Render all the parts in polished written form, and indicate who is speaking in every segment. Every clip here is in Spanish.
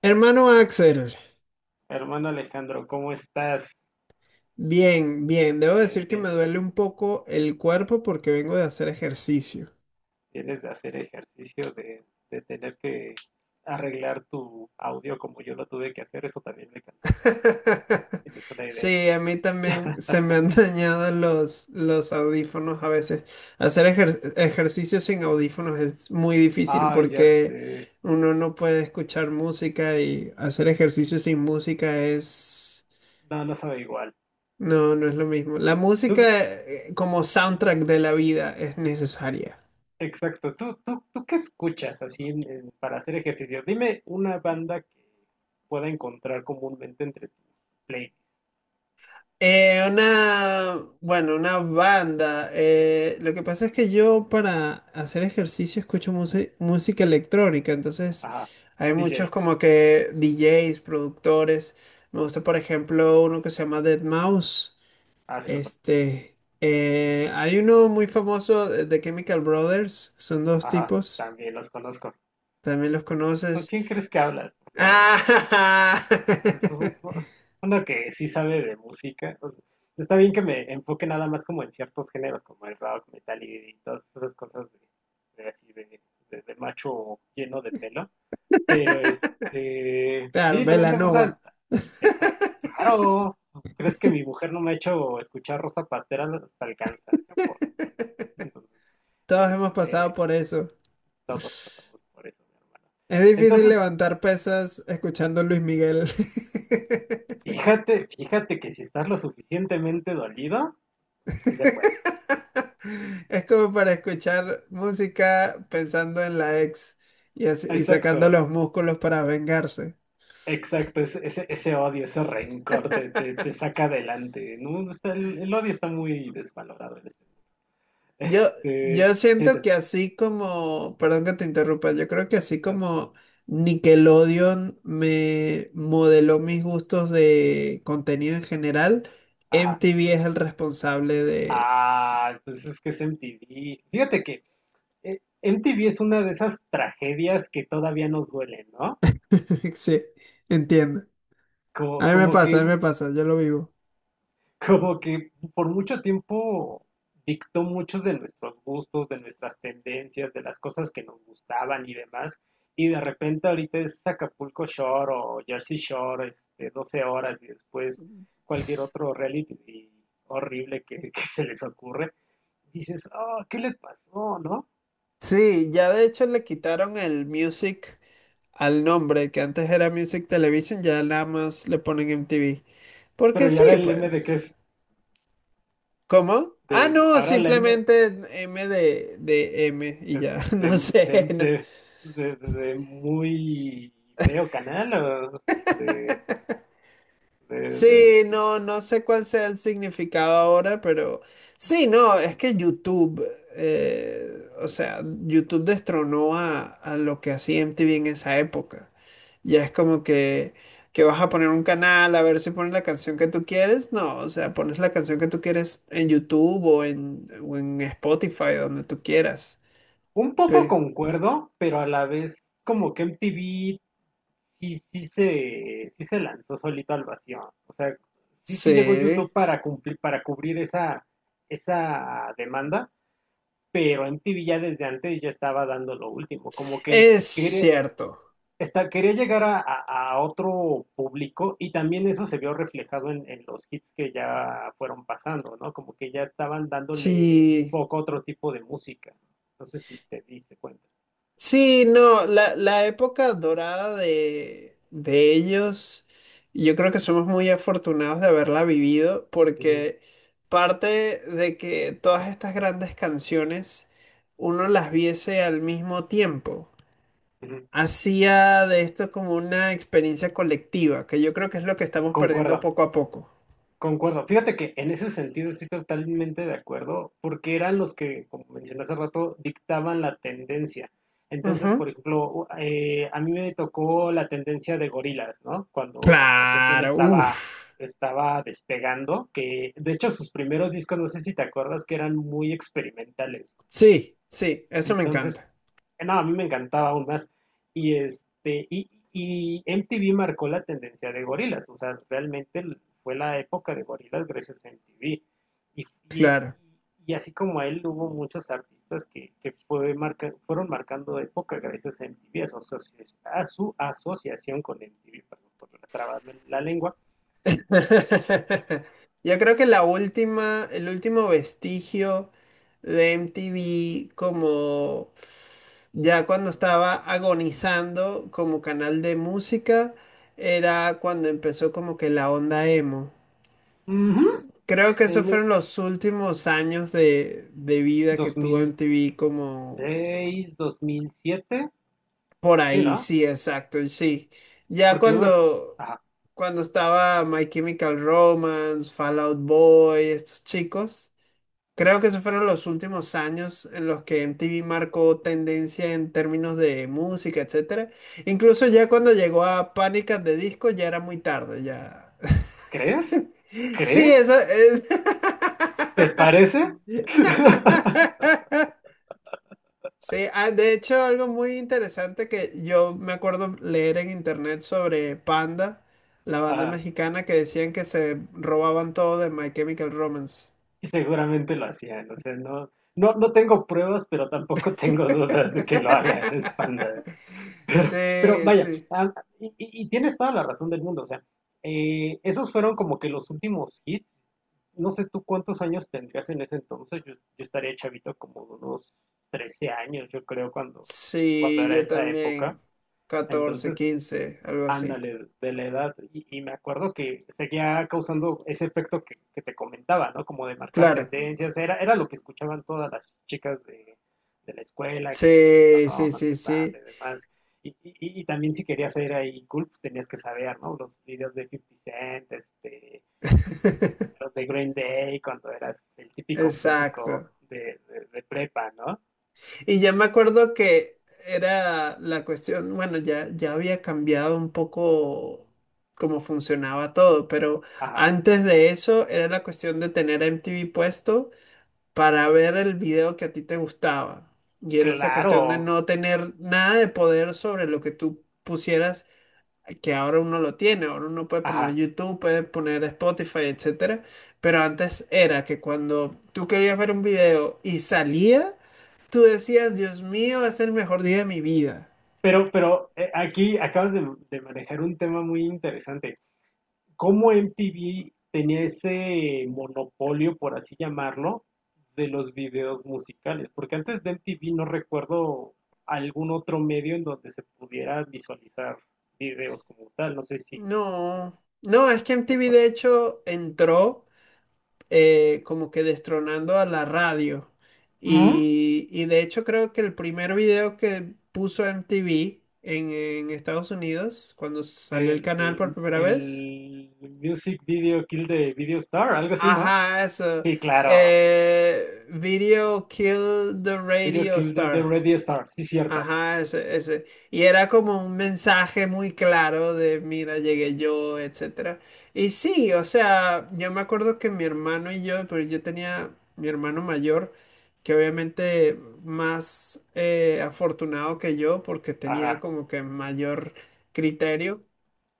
Speaker 1: Hermano Axel,
Speaker 2: Hermano Alejandro, ¿cómo estás?
Speaker 1: bien, bien. Debo decir
Speaker 2: Bien,
Speaker 1: que me
Speaker 2: bien.
Speaker 1: duele un poco el cuerpo porque vengo de hacer ejercicio.
Speaker 2: Tienes de hacer ejercicio de tener que arreglar tu audio como yo lo tuve que hacer. Eso también me cansó muchísimo. Tienes una idea.
Speaker 1: Sí, a mí también se me han dañado los audífonos a veces. Hacer ejercicio sin audífonos es muy difícil
Speaker 2: Ah, ya
Speaker 1: porque
Speaker 2: sé.
Speaker 1: uno no puede escuchar música y hacer ejercicio sin música es...
Speaker 2: No, no sabe igual.
Speaker 1: No, no es lo mismo. La música,
Speaker 2: Tú,
Speaker 1: como soundtrack de la vida es necesaria.
Speaker 2: exacto. ¿Tú qué escuchas así para hacer ejercicio? Dime una banda que pueda encontrar comúnmente entre tus playlists.
Speaker 1: Una, bueno, una banda. Lo que pasa es que yo para hacer ejercicio escucho música electrónica, entonces
Speaker 2: Ajá.
Speaker 1: hay muchos
Speaker 2: DJ.
Speaker 1: como que DJs, productores. Me gusta, por ejemplo, uno que se llama Dead Mouse.
Speaker 2: Ah, se lo conozco.
Speaker 1: Este, hay uno muy famoso de Chemical Brothers, son dos
Speaker 2: Ajá.
Speaker 1: tipos,
Speaker 2: También los conozco.
Speaker 1: también los
Speaker 2: ¿Con
Speaker 1: conoces.
Speaker 2: quién crees que hablas, por favor?
Speaker 1: Ah,
Speaker 2: Eso es un po- Uno que sí sabe de música. O sea, está bien que me enfoque nada más como en ciertos géneros, como el rock, metal y todas esas cosas de así de, de macho lleno de pelo. Pero este,
Speaker 1: claro,
Speaker 2: sí, también me
Speaker 1: Belanova.
Speaker 2: gusta. Tecas. Claro, ¿crees que mi mujer no me ha hecho escuchar Rosa Pastera hasta el cansancio? Por supuesto.
Speaker 1: Todos
Speaker 2: Entonces,
Speaker 1: hemos pasado
Speaker 2: este,
Speaker 1: por eso.
Speaker 2: todos pasamos por eso, mi hermano.
Speaker 1: Es difícil
Speaker 2: Entonces,
Speaker 1: levantar pesas escuchando Luis Miguel.
Speaker 2: fíjate que si estás lo suficientemente dolido, sí se puede.
Speaker 1: Es como para escuchar música pensando en la ex y, y
Speaker 2: Exacto,
Speaker 1: sacando los músculos para vengarse.
Speaker 2: ese odio, ese rencor te saca adelante, ¿no? El odio está muy desvalorado en este mundo.
Speaker 1: Yo,
Speaker 2: Este,
Speaker 1: yo
Speaker 2: sí, te
Speaker 1: siento que
Speaker 2: escucho.
Speaker 1: así como, perdón que te interrumpa, yo creo que así
Speaker 2: No, no.
Speaker 1: como Nickelodeon me modeló mis gustos de contenido en general,
Speaker 2: Ajá.
Speaker 1: MTV es el responsable de...
Speaker 2: Ah, pues es que es MTV. Fíjate que MTV es una de esas tragedias que todavía nos duelen, ¿no?
Speaker 1: Sí, entiendo.
Speaker 2: Como,
Speaker 1: A mí me
Speaker 2: como que
Speaker 1: pasa, a mí me pasa, yo lo vivo.
Speaker 2: como que por mucho tiempo dictó muchos de nuestros gustos, de nuestras tendencias, de las cosas que nos gustaban y demás. Y de repente ahorita es Acapulco Shore o Jersey Shore, este, 12 horas y después cualquier otro reality horrible que se les ocurre. Dices, oh, ¿qué le pasó, no?
Speaker 1: Sí, ya de hecho le quitaron el Music al nombre, que antes era Music Television, ya nada más le ponen MTV. Porque
Speaker 2: Pero ¿y
Speaker 1: sí,
Speaker 2: ahora el M
Speaker 1: pues.
Speaker 2: de que es?
Speaker 1: ¿Cómo? Ah,
Speaker 2: De,
Speaker 1: no,
Speaker 2: ahora la M
Speaker 1: simplemente M de M y
Speaker 2: eh,
Speaker 1: ya, no
Speaker 2: de, de,
Speaker 1: sé, no,
Speaker 2: de- de- De muy feo canal, o de, de- de-
Speaker 1: sí,
Speaker 2: de-
Speaker 1: no, no sé cuál sea el significado ahora, pero sí, no, es que YouTube, o sea, YouTube destronó a lo que hacía MTV en esa época. Ya es como que vas a poner un canal a ver si pones la canción que tú quieres. No, o sea, pones la canción que tú quieres en YouTube o en Spotify, donde tú quieras.
Speaker 2: un poco
Speaker 1: Pe-
Speaker 2: concuerdo, pero a la vez como que MTV sí se lanzó solito al vacío. O sea, sí llegó
Speaker 1: Sí,
Speaker 2: YouTube para cumplir, para cubrir esa demanda, pero MTV ya desde antes ya estaba dando lo último. Como que
Speaker 1: es
Speaker 2: quería-
Speaker 1: cierto.
Speaker 2: Está, Quería llegar a, a otro público y también eso se vio reflejado en los hits que ya fueron pasando, ¿no? Como que ya estaban dándole
Speaker 1: Sí.
Speaker 2: foco a otro tipo de música. No sé si te diste cuenta.
Speaker 1: Sí, no, la época dorada de ellos, yo creo que somos muy afortunados de haberla vivido
Speaker 2: Ujú,
Speaker 1: porque parte de que todas estas grandes canciones uno las viese al mismo tiempo,
Speaker 2: ujú.
Speaker 1: hacía de esto como una experiencia colectiva, que yo creo que es lo que estamos perdiendo
Speaker 2: Concuerdo.
Speaker 1: poco a poco.
Speaker 2: Concuerdo. Fíjate que en ese sentido estoy totalmente de acuerdo, porque eran los que, como mencioné hace rato, dictaban la tendencia. Entonces, por
Speaker 1: Ujú.
Speaker 2: ejemplo, a mí me tocó la tendencia de gorilas, ¿no?
Speaker 1: Claro, uff.
Speaker 2: Estaba despegando, que de hecho sus primeros discos, no sé si te acuerdas, que eran muy experimentales.
Speaker 1: Sí, sí, eso me
Speaker 2: Entonces,
Speaker 1: encanta.
Speaker 2: no, a mí me encantaba aún más. Y este, y MTV marcó la tendencia de gorilas, o sea, realmente fue la época de gorilas gracias a MTV. Y, y,
Speaker 1: Claro.
Speaker 2: y así como a él, hubo muchos artistas que fueron marcando época gracias a MTV, a su asociación con MTV, perdón por trabarme la lengua.
Speaker 1: Yo creo que la última, el último vestigio de MTV como ya cuando estaba agonizando como canal de música era cuando empezó como que la onda emo.
Speaker 2: Uh-huh.
Speaker 1: Creo que esos fueron los últimos años de vida que
Speaker 2: dos
Speaker 1: tuvo
Speaker 2: mil
Speaker 1: MTV como,
Speaker 2: seis dos mil siete
Speaker 1: por
Speaker 2: sí,
Speaker 1: ahí,
Speaker 2: ¿no?
Speaker 1: sí, exacto, sí. Ya
Speaker 2: Porque yo me...
Speaker 1: cuando,
Speaker 2: ajá.
Speaker 1: cuando estaba My Chemical Romance, Fall Out Boy, estos chicos, creo que esos fueron los últimos años en los que MTV marcó tendencia en términos de música, etcétera. Incluso ya cuando llegó a Panic! At the Disco ya era muy tarde, ya.
Speaker 2: ¿Crees?
Speaker 1: Sí,
Speaker 2: ¿Crees?
Speaker 1: eso, es.
Speaker 2: ¿Te parece?
Speaker 1: Sí, ah, de hecho, algo muy interesante que yo me acuerdo leer en internet sobre Panda, la banda
Speaker 2: Ah,
Speaker 1: mexicana que decían que se robaban todo de My Chemical Romance.
Speaker 2: y seguramente lo hacían, o sea, no tengo pruebas, pero tampoco tengo dudas de que lo hagan, es panda. Pero
Speaker 1: Sí,
Speaker 2: vaya,
Speaker 1: sí.
Speaker 2: ah, y tienes toda la razón del mundo, o sea, esos fueron como que los últimos hits. No sé tú cuántos años tendrías en ese entonces, yo estaría chavito como de unos 13 años, yo creo, cuando
Speaker 1: Sí,
Speaker 2: era
Speaker 1: yo
Speaker 2: esa época.
Speaker 1: también. Catorce,
Speaker 2: Entonces,
Speaker 1: 15, algo así.
Speaker 2: ándale, de la edad. Y me acuerdo que seguía causando ese efecto que te comentaba, ¿no? Como de marcar
Speaker 1: Claro.
Speaker 2: tendencias. Era lo que escuchaban todas las chicas de la escuela, que me
Speaker 1: Sí, sí,
Speaker 2: más
Speaker 1: sí,
Speaker 2: que pan, de
Speaker 1: sí.
Speaker 2: demás. Y también si querías ser ahí cool, pues tenías que saber, ¿no? Los videos de Fifty Cent, este, los de Green Day, cuando eras el típico músico
Speaker 1: Exacto.
Speaker 2: de prepa, ¿no?
Speaker 1: Y ya me acuerdo que era la cuestión, bueno, ya había cambiado un poco cómo funcionaba todo, pero
Speaker 2: Ajá,
Speaker 1: antes de eso era la cuestión de tener MTV puesto para ver el video que a ti te gustaba. Y era esa cuestión de
Speaker 2: claro,
Speaker 1: no tener nada de poder sobre lo que tú pusieras, que ahora uno lo tiene, ahora uno puede poner
Speaker 2: ajá.
Speaker 1: YouTube, puede poner Spotify, etcétera. Pero antes era que cuando tú querías ver un video y salía, tú decías, Dios mío, es el mejor día de mi vida.
Speaker 2: Pero aquí acabas de manejar un tema muy interesante. ¿Cómo MTV tenía ese monopolio, por así llamarlo, de los videos musicales? Porque antes de MTV no recuerdo algún otro medio en donde se pudiera visualizar videos como tal. No sé si, si
Speaker 1: No, no, es que
Speaker 2: te
Speaker 1: MTV
Speaker 2: acuerdas.
Speaker 1: de hecho entró como que destronando a la radio.
Speaker 2: Ujú.
Speaker 1: Y de hecho creo que el primer video que puso MTV en Estados Unidos, cuando salió el canal por
Speaker 2: El,
Speaker 1: primera vez.
Speaker 2: el Music Video Kill de Video Star, algo así, ¿no?
Speaker 1: Ajá, eso.
Speaker 2: Sí, claro.
Speaker 1: Video Kill the
Speaker 2: Video
Speaker 1: Radio
Speaker 2: Kill de
Speaker 1: Star.
Speaker 2: Radio Star, sí, cierto.
Speaker 1: Ajá, ese, ese. Y era como un mensaje muy claro de, mira, llegué yo, etcétera. Y sí, o sea, yo me acuerdo que mi hermano y yo, pero yo tenía mi hermano mayor, que obviamente más afortunado que yo, porque tenía
Speaker 2: Ajá,
Speaker 1: como que mayor criterio,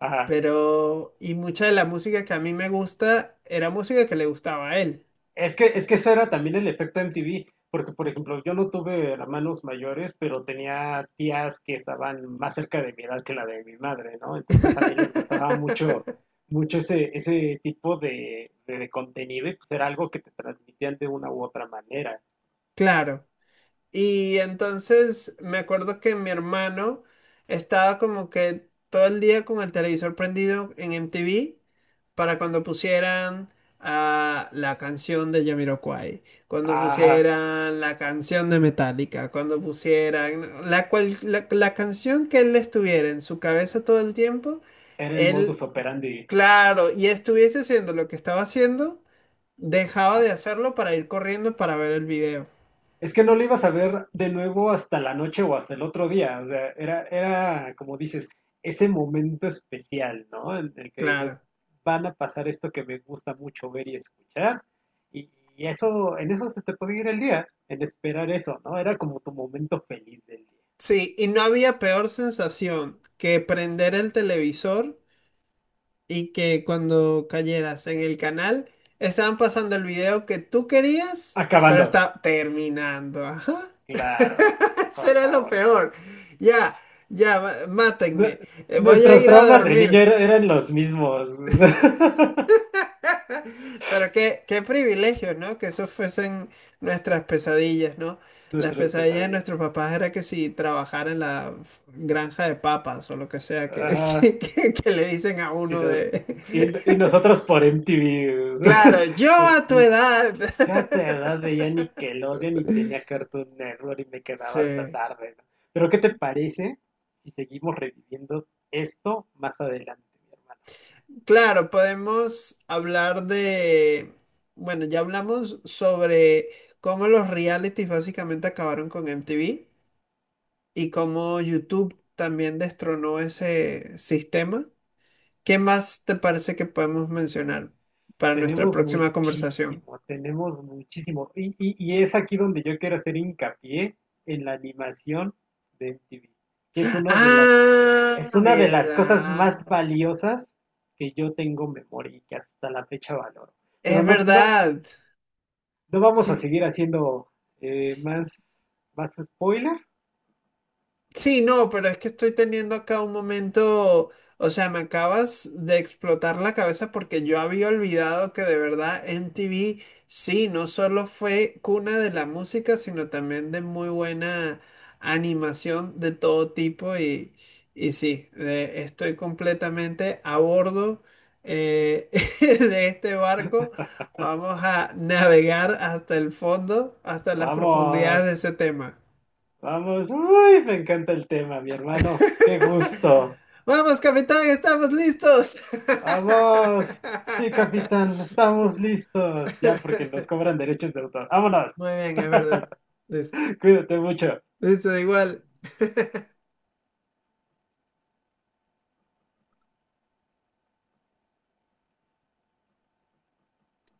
Speaker 2: ajá.
Speaker 1: pero, y mucha de la música que a mí me gusta era música que le gustaba a él.
Speaker 2: Es que eso era también el efecto MTV, porque por ejemplo, yo no tuve hermanos mayores, pero tenía tías que estaban más cerca de mi edad que la de mi madre, ¿no? Entonces también les gustaba mucho, mucho ese tipo de contenido y pues era algo que te transmitían de una u otra manera.
Speaker 1: Claro. Y entonces me acuerdo que mi hermano estaba como que todo el día con el televisor prendido en MTV para cuando pusieran la canción de Jamiroquai, cuando
Speaker 2: Ajá,
Speaker 1: pusieran la canción de Metallica, cuando pusieran la canción que él estuviera en su cabeza todo el tiempo,
Speaker 2: era el
Speaker 1: él,
Speaker 2: modus operandi.
Speaker 1: claro, y estuviese haciendo lo que estaba haciendo, dejaba de hacerlo para ir corriendo para ver el video,
Speaker 2: Es que no lo ibas a ver de nuevo hasta la noche o hasta el otro día. O sea, era como dices, ese momento especial, ¿no? En el que dices,
Speaker 1: claro.
Speaker 2: van a pasar esto que me gusta mucho ver y escuchar. Y, y eso, en eso se te puede ir el día, en esperar eso, ¿no? Era como tu momento feliz del día.
Speaker 1: Sí, y no había peor sensación que prender el televisor y que cuando cayeras en el canal estaban pasando el video que tú querías, pero
Speaker 2: Acabando.
Speaker 1: está terminando. Ajá.
Speaker 2: Claro, por
Speaker 1: Será lo
Speaker 2: favor.
Speaker 1: peor. Ya,
Speaker 2: Nu-
Speaker 1: mátenme. Voy a
Speaker 2: Nuestros
Speaker 1: ir a
Speaker 2: traumas de niño
Speaker 1: dormir.
Speaker 2: eran los mismos.
Speaker 1: Pero qué, qué privilegio, ¿no? Que eso fuesen nuestras pesadillas, ¿no? Las
Speaker 2: Nuestras
Speaker 1: pesadillas de
Speaker 2: pesadillas.
Speaker 1: nuestros papás era que si trabajara en la granja de papas o lo que sea que,
Speaker 2: Ah,
Speaker 1: que, que le dicen a
Speaker 2: Y,
Speaker 1: uno
Speaker 2: nos,
Speaker 1: de...
Speaker 2: y nosotros por MTV, o sea,
Speaker 1: Claro, yo
Speaker 2: por
Speaker 1: a tu
Speaker 2: mi-
Speaker 1: edad.
Speaker 2: yo a tu edad veía Nickelodeon y tenía Cartoon Network y me quedaba hasta
Speaker 1: Sí.
Speaker 2: tarde, ¿no? Pero ¿qué te parece si seguimos reviviendo esto más adelante, mi hermano?
Speaker 1: Claro, podemos hablar de... Bueno, ya hablamos sobre cómo los realities básicamente acabaron con MTV, y cómo YouTube también destronó ese sistema. ¿Qué más te parece que podemos mencionar para nuestra
Speaker 2: Tenemos
Speaker 1: próxima conversación?
Speaker 2: muchísimo, tenemos muchísimo. Y es aquí donde yo quiero hacer hincapié en la animación de MTV, que es una de las...
Speaker 1: Ah,
Speaker 2: Es una de las cosas
Speaker 1: verdad.
Speaker 2: más valiosas que yo tengo en memoria y que hasta la fecha valoro. Pero
Speaker 1: Es verdad.
Speaker 2: no vamos a
Speaker 1: Sí,
Speaker 2: seguir haciendo eh, más, más spoiler.
Speaker 1: sí, no, pero es que estoy teniendo acá un momento, o sea, me acabas de explotar la cabeza porque yo había olvidado que de verdad MTV, sí, no solo fue cuna de la música, sino también de muy buena animación de todo tipo y sí, estoy completamente a bordo eh, de este barco. Vamos a navegar hasta el fondo, hasta las
Speaker 2: Vamos,
Speaker 1: profundidades de ese tema.
Speaker 2: vamos. Uy, me encanta el tema, mi hermano. Qué gusto.
Speaker 1: Vamos, capitán, estamos listos.
Speaker 2: Vamos. Sí, capitán, estamos listos. Ya porque nos cobran derechos de autor. Vámonos.
Speaker 1: Muy bien, es verdad. Listo.
Speaker 2: Cuídate mucho.
Speaker 1: Listo, da igual.